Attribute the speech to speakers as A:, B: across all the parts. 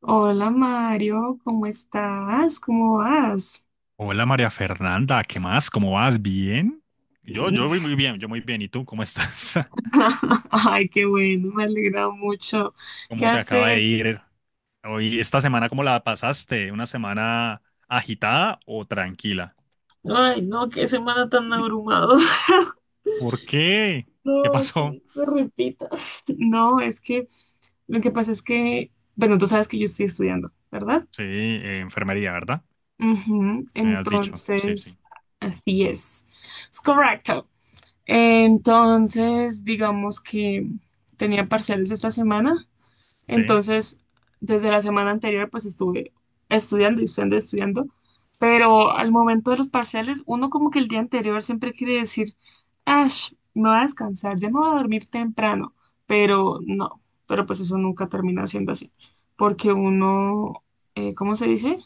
A: Hola Mario, ¿cómo estás? ¿Cómo vas?
B: Hola María Fernanda, ¿qué más? ¿Cómo vas? ¿Bien? Yo voy muy bien, yo muy bien. ¿Y tú cómo estás?
A: Ay, qué bueno, me alegra mucho. ¿Qué
B: ¿Cómo te acaba de
A: hace?
B: ir hoy, esta semana, cómo la pasaste? ¿Una semana agitada o tranquila?
A: Ay, no, qué semana tan abrumadora.
B: ¿Por qué? ¿Qué
A: No, que no
B: pasó?
A: se repita. No, es que lo que pasa es que, bueno, tú sabes que yo estoy estudiando, ¿verdad?
B: Sí, enfermería, ¿verdad?
A: Ujú.
B: Me has dicho, sí, sí,
A: Entonces, así es. Es correcto. Entonces, digamos que tenía parciales esta semana.
B: sí.
A: Entonces, desde la semana anterior, pues estuve estudiando y estudiando, pero al momento de los parciales, uno como que el día anterior siempre quiere decir, ash, me voy a descansar, ya me voy a dormir temprano, pero no, pero pues eso nunca termina siendo así, porque uno, ¿cómo se dice?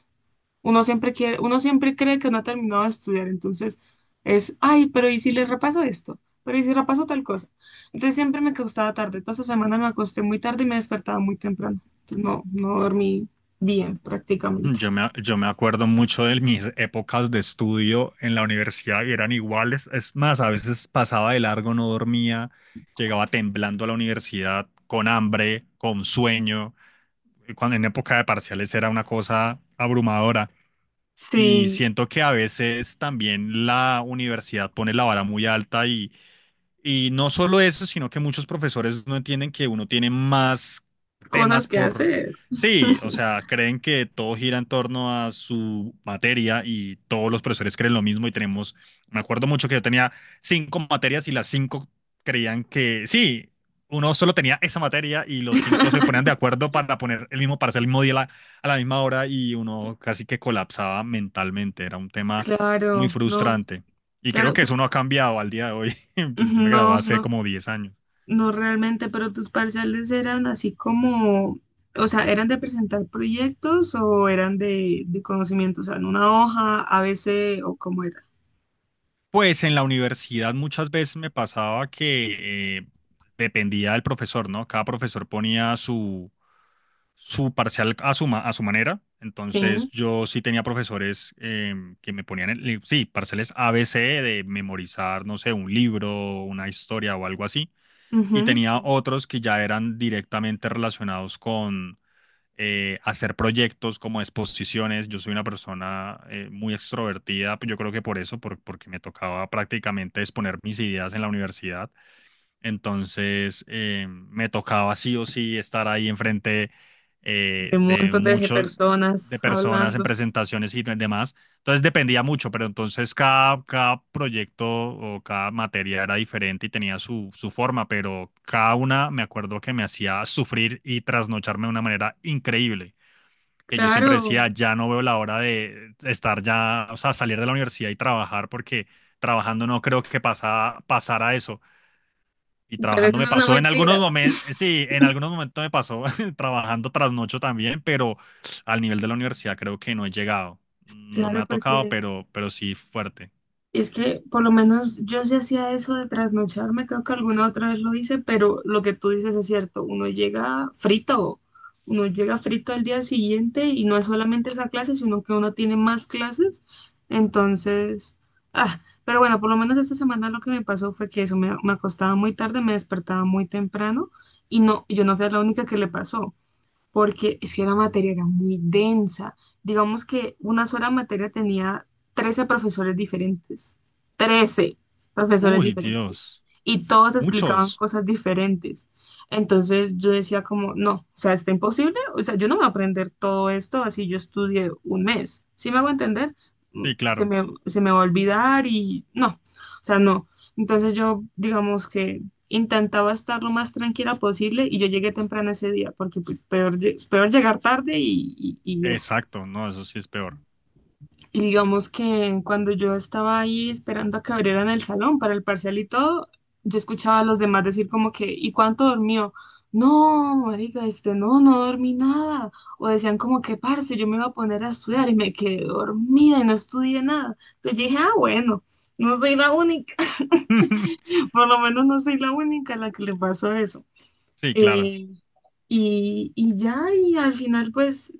A: Uno siempre cree que no ha terminado de estudiar, entonces es, ay, pero ¿y si les repaso esto? Pero ¿y si repaso tal cosa? Entonces siempre me acostaba tarde. Toda esa semana me acosté muy tarde y me despertaba muy temprano. Entonces, no, no dormí bien prácticamente.
B: Yo me acuerdo mucho de mis épocas de estudio en la universidad y eran iguales. Es más, a veces pasaba de largo, no dormía, llegaba temblando a la universidad con hambre, con sueño. Cuando en época de parciales era una cosa abrumadora. Y
A: Sí,
B: siento que a veces también la universidad pone la vara muy alta y no solo eso, sino que muchos profesores no entienden que uno tiene más temas
A: cosas que
B: por...
A: hacer.
B: Sí, o sea, creen que todo gira en torno a su materia y todos los profesores creen lo mismo y tenemos, me acuerdo mucho que yo tenía cinco materias y las cinco creían que sí, uno solo tenía esa materia y los cinco se ponían de acuerdo para poner el mismo, para hacer el mismo día a a la misma hora y uno casi que colapsaba mentalmente, era un tema muy
A: Claro, no,
B: frustrante. Y creo
A: claro,
B: que
A: tú,
B: eso no ha cambiado al día de hoy. Pues yo me gradué
A: no,
B: hace
A: no.
B: como 10 años.
A: No realmente, pero tus parciales eran así como, o sea, ¿eran de presentar proyectos o eran de conocimiento? O sea, en una hoja, a ABC o cómo era.
B: Pues en la universidad muchas veces me pasaba que dependía del profesor, ¿no? Cada profesor ponía su parcial a su, a su manera.
A: Sí,
B: Entonces yo sí tenía profesores que me ponían, el sí, parciales ABC de memorizar, no sé, un libro, una historia o algo así. Y
A: ujú,
B: tenía
A: sí.
B: otros que ya eran directamente relacionados hacer proyectos como exposiciones. Yo soy una persona muy extrovertida, pues yo creo que por eso, porque me tocaba prácticamente exponer mis ideas en la universidad. Entonces me tocaba sí o sí estar ahí enfrente
A: De un
B: de
A: montón de
B: muchos, de
A: personas
B: personas en
A: hablando.
B: presentaciones y demás. Entonces dependía mucho, pero entonces cada proyecto o cada materia era diferente y tenía su forma, pero cada una me acuerdo que me hacía sufrir y trasnocharme de una manera increíble. Que yo siempre decía,
A: Claro.
B: ya no veo la hora de estar ya, o sea, salir de la universidad y trabajar, porque trabajando no creo que pasara eso. Y
A: Pero
B: trabajando
A: eso
B: me
A: es una
B: pasó en algunos
A: mentira.
B: momentos, sí, en algunos momentos me pasó trabajando trasnocho también, pero al nivel de la universidad creo que no he llegado. No me
A: Claro,
B: ha tocado,
A: porque
B: pero sí fuerte.
A: y es que por lo menos yo sí hacía eso de trasnocharme, creo que alguna otra vez lo hice, pero lo que tú dices es cierto, uno llega frito al día siguiente y no es solamente esa clase, sino que uno tiene más clases, entonces, ah, pero bueno, por lo menos esta semana lo que me pasó fue que eso me acostaba muy tarde, me despertaba muy temprano y no, yo no fui la única que le pasó porque es que la materia era muy densa. Digamos que una sola materia tenía 13 profesores diferentes. 13 profesores
B: Uy,
A: diferentes.
B: Dios.
A: Y todos explicaban
B: Muchos.
A: cosas diferentes. Entonces yo decía como, no, o sea, está imposible. O sea, yo no voy a aprender todo esto así yo estudié un mes. ¿Sí me hago entender? Mm.
B: Sí, claro.
A: Se me va a olvidar y no, o sea, no. Entonces yo, digamos que intentaba estar lo más tranquila posible y yo llegué temprano ese día, porque pues peor, peor llegar tarde y eso.
B: Exacto. No, eso sí es peor.
A: Y digamos que cuando yo estaba ahí esperando a que abrieran el salón para el parcial y todo, yo escuchaba a los demás decir como que, ¿y cuánto dormió? No, marica, este, no, no dormí nada. O decían como que, parce, yo me iba a poner a estudiar y me quedé dormida y no estudié nada. Entonces yo dije, ah, bueno, no soy la única, por lo menos no soy la única a la que le pasó eso.
B: Sí, claro.
A: Eh, y ya, y al final, pues,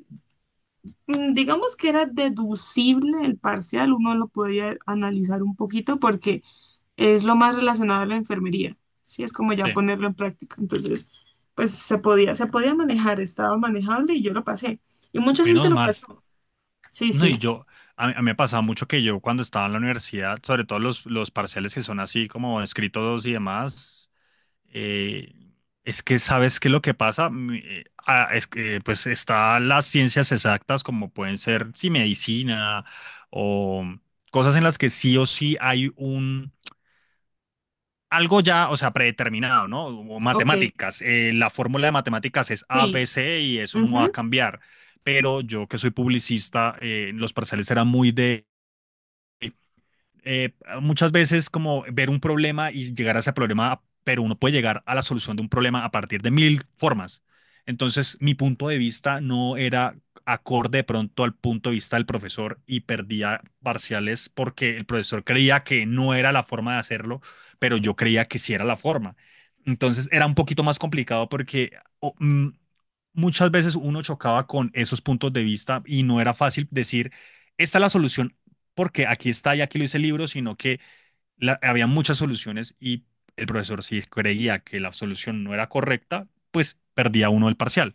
A: mm, digamos que era deducible el parcial, uno lo podía analizar un poquito porque es lo más relacionado a la enfermería, sí, es como ya
B: Sí.
A: ponerlo en práctica. Entonces, pues se podía manejar, estaba manejable y yo lo pasé. Y mucha gente
B: Menos
A: lo
B: mal.
A: pasó. Sí,
B: No,
A: sí,
B: y yo, a mí me pasaba mucho que yo cuando estaba en la universidad, sobre todo los parciales que son así como escritos y demás. Eh, es que sabes qué es lo que pasa. Es que pues está las ciencias exactas como pueden ser sí, medicina o cosas en las que sí o sí hay un algo ya, o sea, predeterminado, ¿no? O
A: ok,
B: matemáticas, la fórmula de matemáticas es
A: sí.
B: ABC y eso no va a
A: Ujú.
B: cambiar. Pero yo que soy publicista, los parciales eran muy de eh, muchas veces como ver un problema y llegar a ese problema, pero uno puede llegar a la solución de un problema a partir de mil formas. Entonces, mi punto de vista no era acorde de pronto al punto de vista del profesor y perdía parciales porque el profesor creía que no era la forma de hacerlo, pero yo creía que sí era la forma. Entonces, era un poquito más complicado porque o, mm, muchas veces uno chocaba con esos puntos de vista y no era fácil decir, esta es la solución porque aquí está y aquí lo dice el libro, sino que había muchas soluciones y el profesor si creía que la solución no era correcta, pues perdía uno el parcial.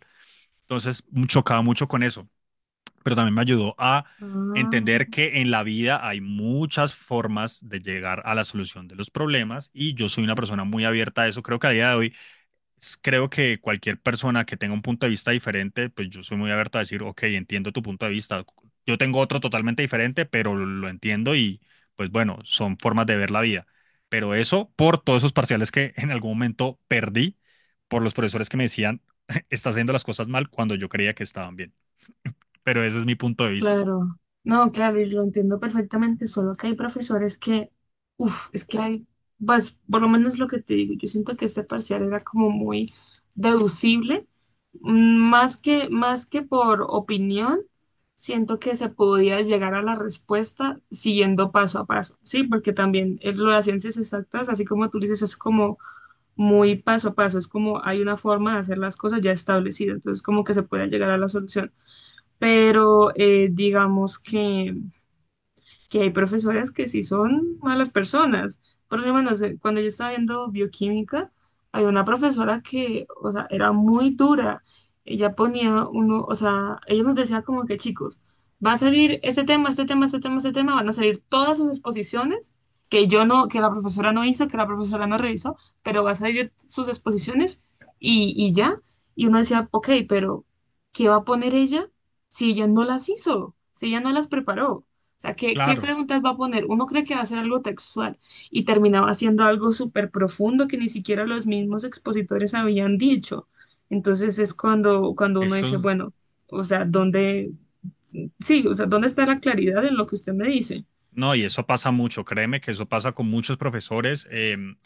B: Entonces chocaba mucho con eso, pero también me ayudó a
A: Ah,
B: entender que en la vida hay muchas formas de llegar a la solución de los problemas y yo soy una persona muy abierta a eso. Creo que a día de hoy creo que cualquier persona que tenga un punto de vista diferente, pues yo soy muy abierto a decir, ok, entiendo tu punto de vista. Yo tengo otro totalmente diferente, pero lo entiendo y pues bueno, son formas de ver la vida. Pero eso por todos esos parciales que en algún momento perdí por los profesores que me decían, estás haciendo las cosas mal cuando yo creía que estaban bien. Pero ese es mi punto de vista.
A: claro, no, claro, y lo entiendo perfectamente, solo que hay profesores que, uff, es que hay, pues, por lo menos lo que te digo, yo siento que este parcial era como muy deducible, mm, más que por opinión, siento que se podía llegar a la respuesta siguiendo paso a paso, ¿sí? Porque también lo de las ciencias exactas, así como tú dices, es como muy paso a paso, es como hay una forma de hacer las cosas ya establecida, entonces como que se puede llegar a la solución, pero digamos que hay profesoras que sí son malas personas. Por lo menos cuando yo estaba viendo bioquímica, hay una profesora que, o sea, era muy dura. Ella ponía uno, o sea, ella nos decía como que, chicos, va a salir este tema, este tema, este tema, este tema, van a salir todas sus exposiciones que yo no, que la profesora no hizo, que la profesora no revisó, pero va a salir sus exposiciones y ya. Y uno decía, ok, pero ¿qué va a poner ella si ella no las hizo? Si ella no las preparó. O sea, ¿qué, qué
B: Claro,
A: preguntas va a poner? Uno cree que va a ser algo textual y terminaba haciendo algo súper profundo que ni siquiera los mismos expositores habían dicho. Entonces es cuando uno dice,
B: eso.
A: bueno, o sea, ¿dónde, sí, o sea, ¿dónde está la claridad en lo que usted me dice?
B: No, y eso pasa mucho, créeme que eso pasa con muchos profesores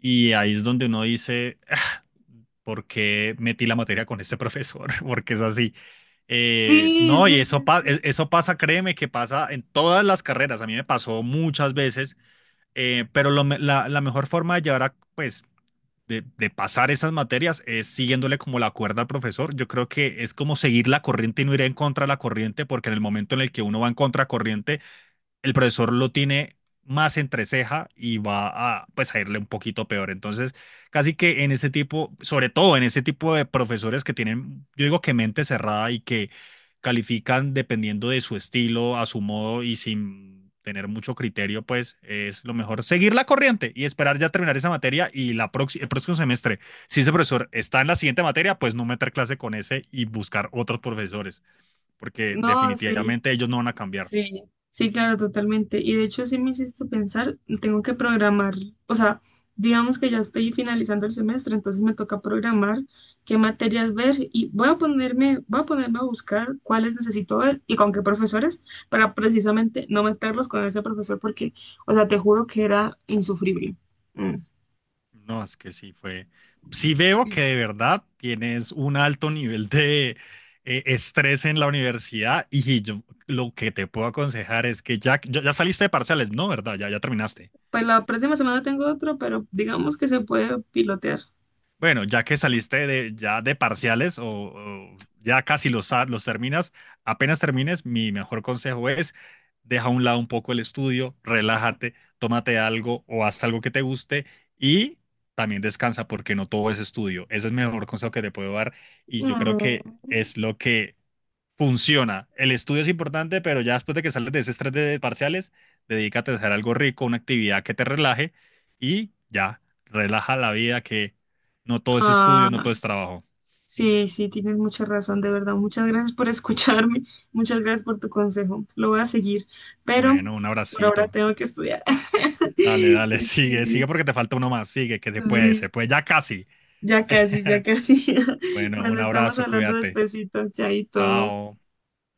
B: y ahí es donde uno dice, "Ah, ¿por qué metí la materia con este profesor? Porque es así.
A: Sí,
B: No, y
A: sí,
B: eso,
A: sí, sí.
B: eso pasa, créeme que pasa en todas las carreras, a mí me pasó muchas veces, pero la mejor forma de llevar a, pues, de pasar esas materias es siguiéndole como la cuerda al profesor. Yo creo que es como seguir la corriente y no ir en contra de la corriente, porque en el momento en el que uno va en contra el profesor lo tiene más entre ceja y va a, pues, a irle un poquito peor. Entonces, casi que en ese tipo, sobre todo en ese tipo de profesores que tienen, yo digo que mente cerrada y que califican dependiendo de su estilo, a su modo y sin tener mucho criterio, pues es lo mejor seguir la corriente y esperar ya terminar esa materia y el próximo semestre, si ese profesor está en la siguiente materia, pues no meter clase con ese y buscar otros profesores, porque
A: No, sí.
B: definitivamente ellos no van a cambiar.
A: Sí, sí, claro, totalmente. Y de hecho, sí me hiciste pensar, tengo que programar, o sea, digamos que ya estoy finalizando el semestre, entonces me toca programar qué materias ver y voy a ponerme a buscar cuáles necesito ver y con qué profesores para precisamente no meterlos con ese profesor porque, o sea, te juro que era insufrible. Mm.
B: No, es que sí fue. Sí veo que
A: Sí.
B: de verdad tienes un alto nivel de estrés en la universidad y yo lo que te puedo aconsejar es que ya saliste de parciales, ¿no? ¿Verdad? Ya terminaste.
A: Pues la próxima semana tengo otro, pero digamos que se puede pilotear.
B: Bueno, ya que saliste de, ya de parciales o ya casi los terminas, apenas termines, mi mejor consejo es deja a un lado un poco el estudio, relájate, tómate algo o haz algo que te guste y también descansa porque no todo es estudio. Ese es el mejor consejo que te puedo dar y yo creo
A: Mm.
B: que es lo que funciona. El estudio es importante, pero ya después de que sales de ese estrés de parciales, dedícate a hacer algo rico, una actividad que te relaje y ya, relaja la vida que no todo es
A: Ah,
B: estudio, no todo es trabajo.
A: sí, sí, tienes mucha razón, de verdad. Muchas gracias por escucharme, muchas gracias por tu consejo. Lo voy a seguir, pero
B: Bueno, un
A: por ahora
B: abracito.
A: tengo que estudiar.
B: Dale, dale, sigue, sigue porque te falta uno más, sigue, que
A: Sí,
B: se puede, ya casi.
A: ya casi, ya casi.
B: Bueno, un
A: Bueno, estamos
B: abrazo,
A: hablando
B: cuídate.
A: despacito, chaito.
B: Chao.